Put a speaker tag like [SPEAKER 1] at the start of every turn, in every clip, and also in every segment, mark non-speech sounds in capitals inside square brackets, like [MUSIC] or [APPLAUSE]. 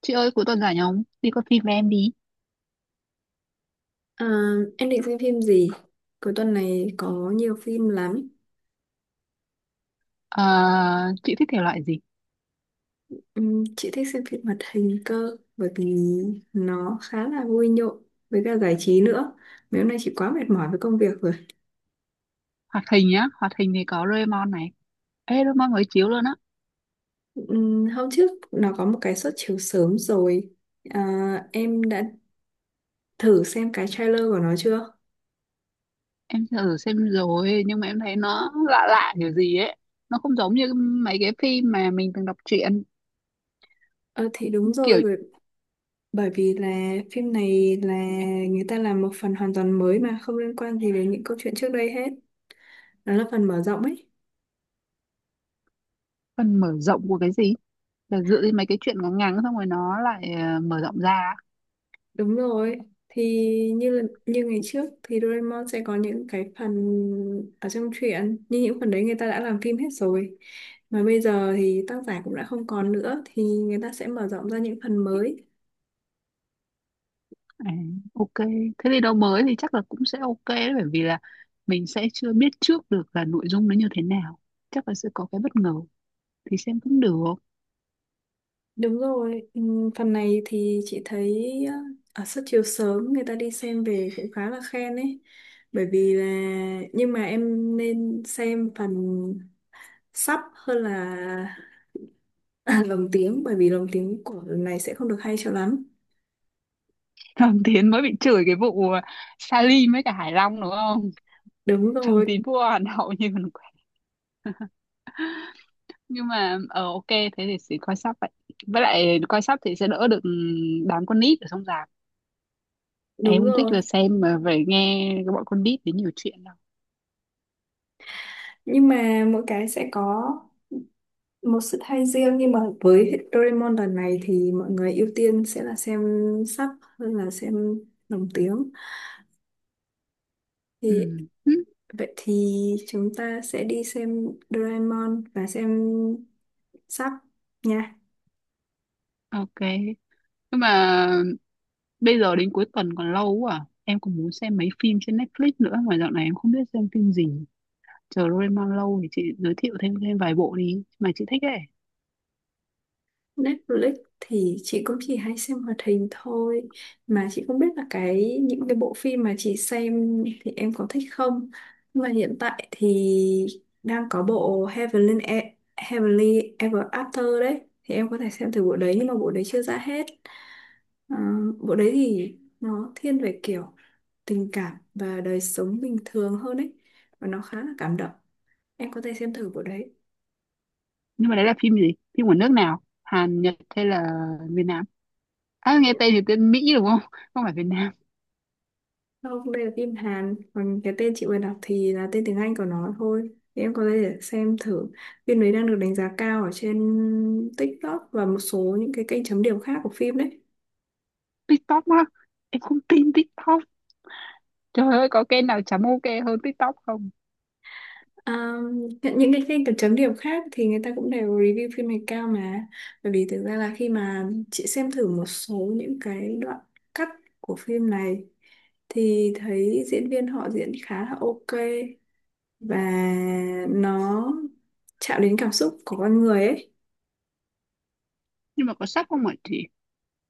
[SPEAKER 1] Chị ơi cuối tuần rảnh không? Đi coi phim với em đi.
[SPEAKER 2] À, em định xem phim gì? Cuối tuần này có nhiều phim lắm.
[SPEAKER 1] Ờ, chị thích thể loại gì?
[SPEAKER 2] Chị thích xem phim hoạt hình cơ bởi vì nó khá là vui nhộn với cả giải trí nữa. Mấy hôm nay chị quá mệt mỏi với công việc rồi.
[SPEAKER 1] Hoạt hình nhá. Hoạt hình thì có Doraemon này. Ê Doraemon mới chiếu luôn á.
[SPEAKER 2] Hôm trước nó có một cái suất chiếu sớm rồi. À, em đã thử xem cái trailer của nó chưa?
[SPEAKER 1] Em thử xem rồi nhưng mà em thấy nó lạ lạ kiểu gì ấy. Nó không giống như mấy cái phim mà mình từng đọc truyện.
[SPEAKER 2] Ờ thì đúng rồi,
[SPEAKER 1] Kiểu
[SPEAKER 2] bởi bởi vì là phim này là người ta làm một phần hoàn toàn mới mà không liên quan gì đến những câu chuyện trước đây hết. Nó là phần mở rộng ấy.
[SPEAKER 1] phần mở rộng của cái gì? Là dựa trên mấy cái chuyện ngắn ngắn xong rồi nó lại mở rộng ra.
[SPEAKER 2] Đúng rồi, thì như là, như ngày trước thì Doraemon sẽ có những cái phần ở trong truyện, nhưng những phần đấy người ta đã làm phim hết rồi. Mà bây giờ thì tác giả cũng đã không còn nữa thì người ta sẽ mở rộng ra những phần mới.
[SPEAKER 1] À, ok. Thế thì đâu mới thì chắc là cũng sẽ ok đấy, bởi vì là mình sẽ chưa biết trước được là nội dung nó như thế nào. Chắc là sẽ có cái bất ngờ thì xem cũng được.
[SPEAKER 2] Đúng rồi, phần này thì chị thấy ờ, ở suất chiếu sớm người ta đi xem về cũng khá là khen ấy. Bởi vì là nhưng mà em nên xem phần sắp hơn là [LAUGHS] lồng tiếng bởi vì lồng tiếng của lần này sẽ không được hay cho lắm.
[SPEAKER 1] Thẩm Tiến mới bị chửi cái vụ Salim với cả Hải Long đúng không?
[SPEAKER 2] Đúng
[SPEAKER 1] Thẩm
[SPEAKER 2] rồi,
[SPEAKER 1] Tiến vua Hàn Hậu như còn quen. Nhưng mà ờ ok thế thì sẽ coi sắp vậy. Với lại coi sắp thì sẽ đỡ được đám con nít ở trong rạp.
[SPEAKER 2] đúng
[SPEAKER 1] Em không thích
[SPEAKER 2] rồi.
[SPEAKER 1] là xem mà phải nghe cái bọn con nít đến nhiều chuyện đâu.
[SPEAKER 2] Nhưng mà mỗi cái sẽ có một sự thay riêng nhưng mà với Doraemon lần này thì mọi người ưu tiên sẽ là xem sub hơn là xem lồng tiếng. Thì
[SPEAKER 1] Ừ. Ừ.
[SPEAKER 2] vậy thì chúng ta sẽ đi xem Doraemon và xem sub nha.
[SPEAKER 1] Ok. Nhưng mà bây giờ đến cuối tuần còn lâu quá à. Em còn muốn xem mấy phim trên Netflix nữa mà dạo này em không biết xem phim gì. Chờ Doraemon lâu thì chị giới thiệu thêm thêm vài bộ đi mà chị thích ấy.
[SPEAKER 2] Netflix thì chị cũng chỉ hay xem hoạt hình thôi mà chị không biết là cái những cái bộ phim mà chị xem thì em có thích không, nhưng mà hiện tại thì đang có bộ Heavenly, Heavenly Ever After đấy thì em có thể xem từ bộ đấy nhưng mà bộ đấy chưa ra hết. Ờ, bộ đấy thì nó thiên về kiểu tình cảm và đời sống bình thường hơn ấy, và nó khá là cảm động, em có thể xem thử bộ đấy.
[SPEAKER 1] Nhưng mà đấy là phim gì, phim của nước nào, Hàn Nhật hay là Việt Nam? À nghe tên thì tên Mỹ đúng không? [LAUGHS] Không phải Việt Nam.
[SPEAKER 2] Không, đây là phim Hàn, còn cái tên chị vừa đọc thì là tên tiếng Anh của nó thôi. Thì em có thể để xem thử. Phim đấy đang được đánh giá cao ở trên TikTok và một số những cái kênh chấm điểm khác của phim đấy.
[SPEAKER 1] TikTok á? Em không tin TikTok, trời ơi có kênh nào chấm ok hơn TikTok không?
[SPEAKER 2] À, những cái kênh chấm chấm điểm khác thì người ta cũng đều review phim này cao mà. Bởi vì thực ra là khi mà chị xem thử một số những cái đoạn cắt của phim này thì thấy diễn viên họ diễn khá là ok, và nó chạm đến cảm xúc của con người ấy.
[SPEAKER 1] Nhưng mà có sắp không ạ chị?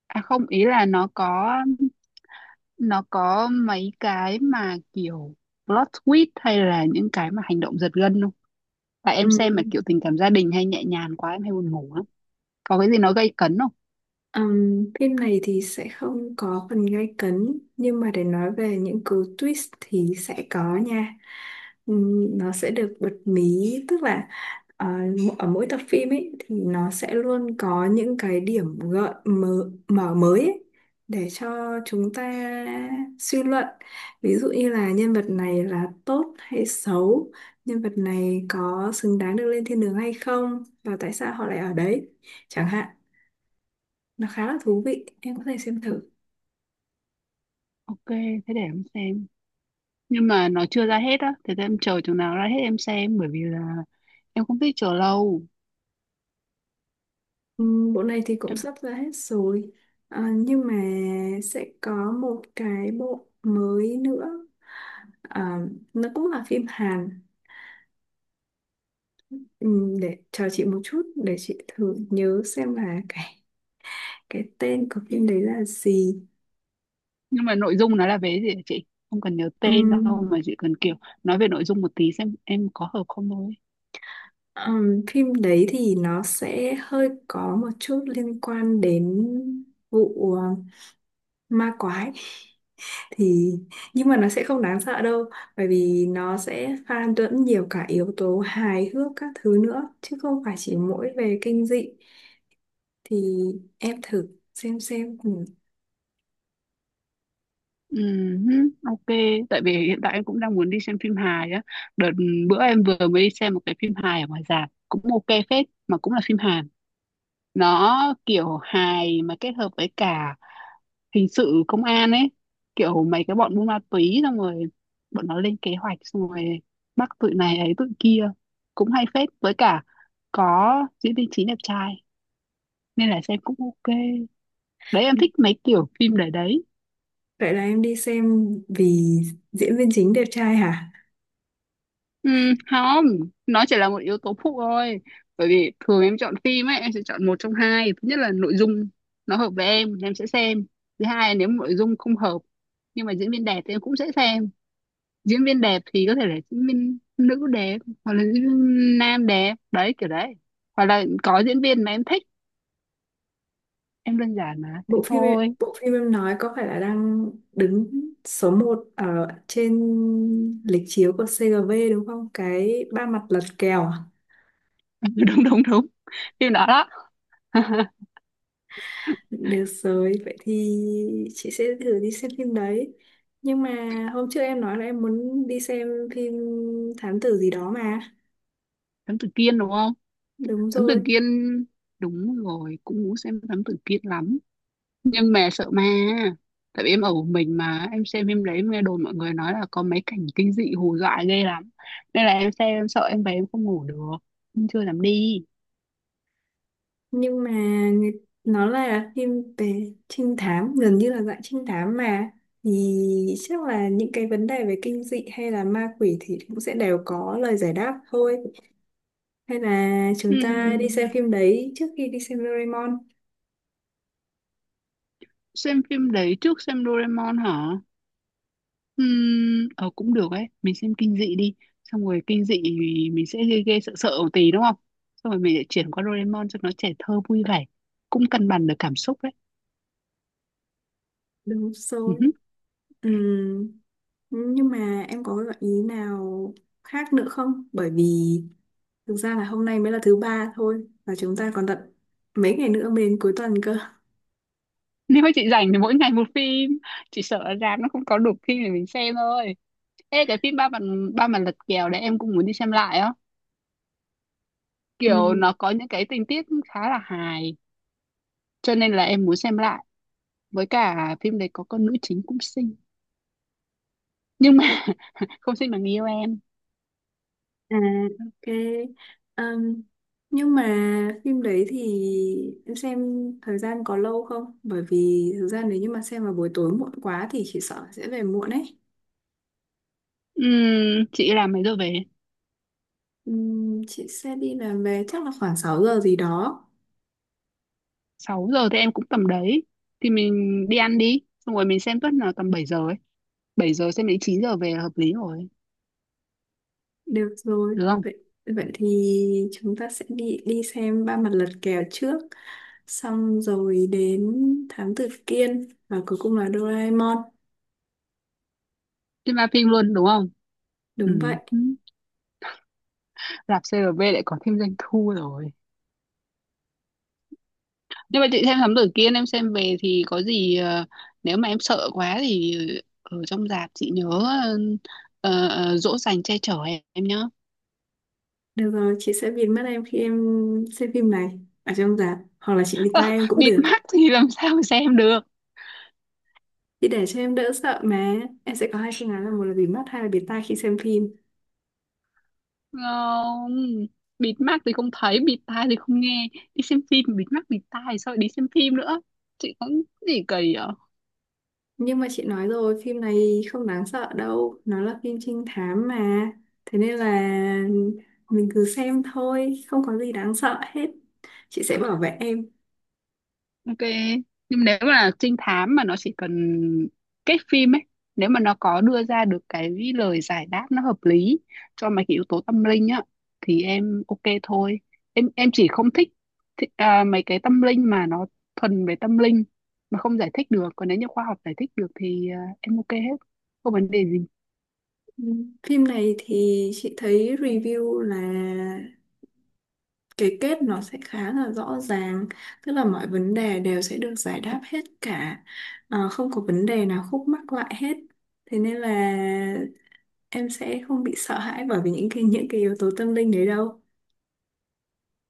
[SPEAKER 1] À không, ý là nó có, nó có mấy cái mà kiểu plot twist hay là những cái mà hành động giật gân không? Tại em xem mà
[SPEAKER 2] Ừm,
[SPEAKER 1] kiểu tình cảm gia đình hay nhẹ nhàng quá em hay buồn ngủ lắm. Có cái gì nó gây cấn không?
[SPEAKER 2] phim này thì sẽ không có phần gay cấn nhưng mà để nói về những cú twist thì sẽ có nha. Nó sẽ được bật mí, tức là ờ, ở mỗi tập phim ấy thì nó sẽ luôn có những cái điểm gợi mở, mở mới ấy, để cho chúng ta suy luận, ví dụ như là nhân vật này là tốt hay xấu, nhân vật này có xứng đáng được lên thiên đường hay không và tại sao họ lại ở đấy chẳng hạn. Nó khá là thú vị, em có thể xem thử.
[SPEAKER 1] Ok thế để em xem. Nhưng mà nó chưa ra hết á, thế thì em chờ chừng nào ra hết em xem, bởi vì là em không thích chờ lâu.
[SPEAKER 2] Bộ này thì cũng
[SPEAKER 1] Em...
[SPEAKER 2] sắp ra hết rồi. À, nhưng mà sẽ có một cái bộ mới nữa. À, nó cũng là phim Hàn. Để chờ chị một chút để chị thử nhớ xem là cái tên của phim đấy là gì.
[SPEAKER 1] Nhưng mà nội dung nó là về gì hả chị? Không cần nhớ tên
[SPEAKER 2] Ừm,
[SPEAKER 1] đâu mà chỉ cần kiểu nói về nội dung một tí xem em có hợp không thôi.
[SPEAKER 2] phim đấy thì nó sẽ hơi có một chút liên quan đến vụ ma quái, thì nhưng mà nó sẽ không đáng sợ đâu bởi vì nó sẽ pha lẫn nhiều cả yếu tố hài hước các thứ nữa chứ không phải chỉ mỗi về kinh dị. Thì em thử xem xem.
[SPEAKER 1] Ừm, ok, tại vì hiện tại em cũng đang muốn đi xem phim hài á. Đợt bữa em vừa mới đi xem một cái phim hài ở ngoài rạp cũng ok phết mà cũng là phim Hàn. Nó kiểu hài mà kết hợp với cả hình sự công an ấy, kiểu mấy cái bọn buôn ma túy xong rồi bọn nó lên kế hoạch xong rồi bắt tụi này ấy tụi kia, cũng hay phết, với cả có diễn viên chính đẹp trai nên là xem cũng ok. Đấy em
[SPEAKER 2] Ừ,
[SPEAKER 1] thích mấy kiểu phim để đấy.
[SPEAKER 2] vậy là em đi xem vì diễn viên chính đẹp trai hả?
[SPEAKER 1] Ừ, không, nó chỉ là một yếu tố phụ thôi. Bởi vì thường em chọn phim ấy em sẽ chọn một trong hai thứ, nhất là nội dung nó hợp với em sẽ xem, thứ hai là nếu nội dung không hợp nhưng mà diễn viên đẹp thì em cũng sẽ xem. Diễn viên đẹp thì có thể là diễn viên nữ đẹp hoặc là diễn viên nam đẹp đấy, kiểu đấy, hoặc là có diễn viên mà em thích. Em đơn giản mà thế thôi.
[SPEAKER 2] Bộ phim em nói có phải là đang đứng số một ở trên lịch chiếu của CGV đúng không, cái ba mặt lật kèo?
[SPEAKER 1] [LAUGHS] Đúng đúng đúng, phim đó đó. [LAUGHS]
[SPEAKER 2] Được rồi, vậy thì chị sẽ thử đi xem phim đấy. Nhưng mà hôm trước em nói là em muốn đi xem phim thám tử gì đó mà.
[SPEAKER 1] Thám Tử Kiên đúng không?
[SPEAKER 2] Đúng
[SPEAKER 1] Thám Tử
[SPEAKER 2] rồi.
[SPEAKER 1] Kiên, đúng rồi, cũng muốn xem Thám Tử Kiên lắm. Nhưng mà sợ ma, tại vì em ở một mình mà em xem phim đấy, em nghe đồn mọi người nói là có mấy cảnh kinh dị hù dọa ghê lắm, nên là em xem em sợ em về em không ngủ được. Em chưa dám đi.
[SPEAKER 2] Nhưng mà nó là phim về trinh thám, gần như là dạng trinh thám mà. Thì chắc là những cái vấn đề về kinh dị hay là ma quỷ thì cũng sẽ đều có lời giải đáp thôi. Hay là
[SPEAKER 1] Ừ.
[SPEAKER 2] chúng ta đi xem phim đấy trước khi đi xem Doraemon.
[SPEAKER 1] Xem phim đấy trước xem Doraemon hả? Ờ cũng được ấy, mình xem kinh dị đi. Xong rồi kinh dị thì mình sẽ ghê ghê sợ sợ một tí đúng không? Xong rồi mình sẽ chuyển qua Doraemon cho nó trẻ thơ vui vẻ, cũng cân bằng được cảm xúc đấy.
[SPEAKER 2] Đúng
[SPEAKER 1] Ừ
[SPEAKER 2] rồi.
[SPEAKER 1] hứ.
[SPEAKER 2] Ừ, nhưng mà em có gợi ý nào khác nữa không? Bởi vì thực ra là hôm nay mới là thứ ba thôi và chúng ta còn tận mấy ngày nữa mới đến cuối tuần cơ.
[SPEAKER 1] [LAUGHS] Nếu mà chị rảnh thì mỗi ngày một phim, chị sợ ở rạp nó không có đủ phim để mình xem thôi. Ê cái phim ba mặt, ba mặt lật kèo đấy em cũng muốn đi xem lại á. Kiểu
[SPEAKER 2] Ừ,
[SPEAKER 1] nó có những cái tình tiết khá là hài, cho nên là em muốn xem lại. Với cả phim đấy có con nữ chính cũng xinh. Nhưng mà không xin bằng yêu em.
[SPEAKER 2] à, ok. Ừm, nhưng mà phim đấy thì em xem thời gian có lâu không? Bởi vì thực ra nếu như mà xem vào buổi tối muộn quá thì chị sợ sẽ về muộn ấy.
[SPEAKER 1] Chị làm mấy giờ về?
[SPEAKER 2] Chị sẽ đi làm về chắc là khoảng 6 giờ gì đó.
[SPEAKER 1] Sáu giờ thì em cũng tầm đấy, thì mình đi ăn đi, xong rồi mình xem tuất là tầm 7 giờ ấy, 7 giờ xem đến 9 giờ về là hợp lý rồi.
[SPEAKER 2] Được rồi,
[SPEAKER 1] Được không?
[SPEAKER 2] vậy vậy thì chúng ta sẽ đi đi xem ba mặt lật kèo trước, xong rồi đến Thám Tử Kiên và cuối cùng là Doraemon.
[SPEAKER 1] Đi ma phim luôn đúng không?
[SPEAKER 2] Đúng vậy.
[SPEAKER 1] Ừm, Rạp CRV lại có thêm doanh thu rồi. Nhưng mà chị xem thám tử Kiên em xem về thì có gì nếu mà em sợ quá thì ở trong rạp chị nhớ ờ, dỗ dành che chở em nhá.
[SPEAKER 2] Được rồi, chị sẽ bịt mắt em khi em xem phim này ở trong rạp, hoặc là chị bịt
[SPEAKER 1] Ờ,
[SPEAKER 2] tai em cũng
[SPEAKER 1] bịt
[SPEAKER 2] được.
[SPEAKER 1] mắt thì làm sao mà xem được?
[SPEAKER 2] Chị để cho em đỡ sợ mà. Em sẽ có hai phương án là một là bịt mắt, hai là bịt tai khi xem phim.
[SPEAKER 1] Không, bịt mắt thì không thấy, bịt tai thì không nghe. Đi xem phim mà bịt mắt bịt tai thì sao lại đi xem phim nữa? Chị cũng gì kỳ vậy?
[SPEAKER 2] Nhưng mà chị nói rồi, phim này không đáng sợ đâu. Nó là phim trinh thám mà. Thế nên là mình cứ xem thôi, không có gì đáng sợ hết. Chị sẽ bảo vệ em.
[SPEAKER 1] Ok. Nhưng nếu mà trinh thám mà nó chỉ cần cái phim ấy, nếu mà nó có đưa ra được cái lời giải đáp nó hợp lý cho mấy cái yếu tố tâm linh á thì em ok thôi. Em chỉ không thích, à, mấy cái tâm linh mà nó thuần về tâm linh mà không giải thích được, còn nếu như khoa học giải thích được thì à, em ok hết. Không vấn đề gì.
[SPEAKER 2] Ừ. Phim này thì chị thấy review là cái kết nó sẽ khá là rõ ràng. Tức là mọi vấn đề đều sẽ được giải đáp hết cả. Ờ, không có vấn đề nào khúc mắc lại hết. Thế nên là em sẽ không bị sợ hãi bởi vì những cái yếu tố tâm linh đấy đâu.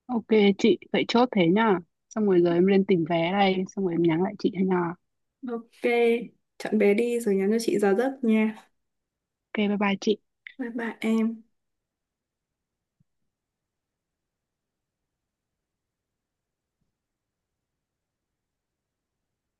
[SPEAKER 1] Ok chị, vậy chốt thế nha. Xong rồi giờ em lên tìm vé đây, xong rồi em nhắn lại chị nha.
[SPEAKER 2] Ok, chọn bé đi rồi nhắn cho chị giờ giấc nha.
[SPEAKER 1] Ok, bye bye chị.
[SPEAKER 2] Bye bye em.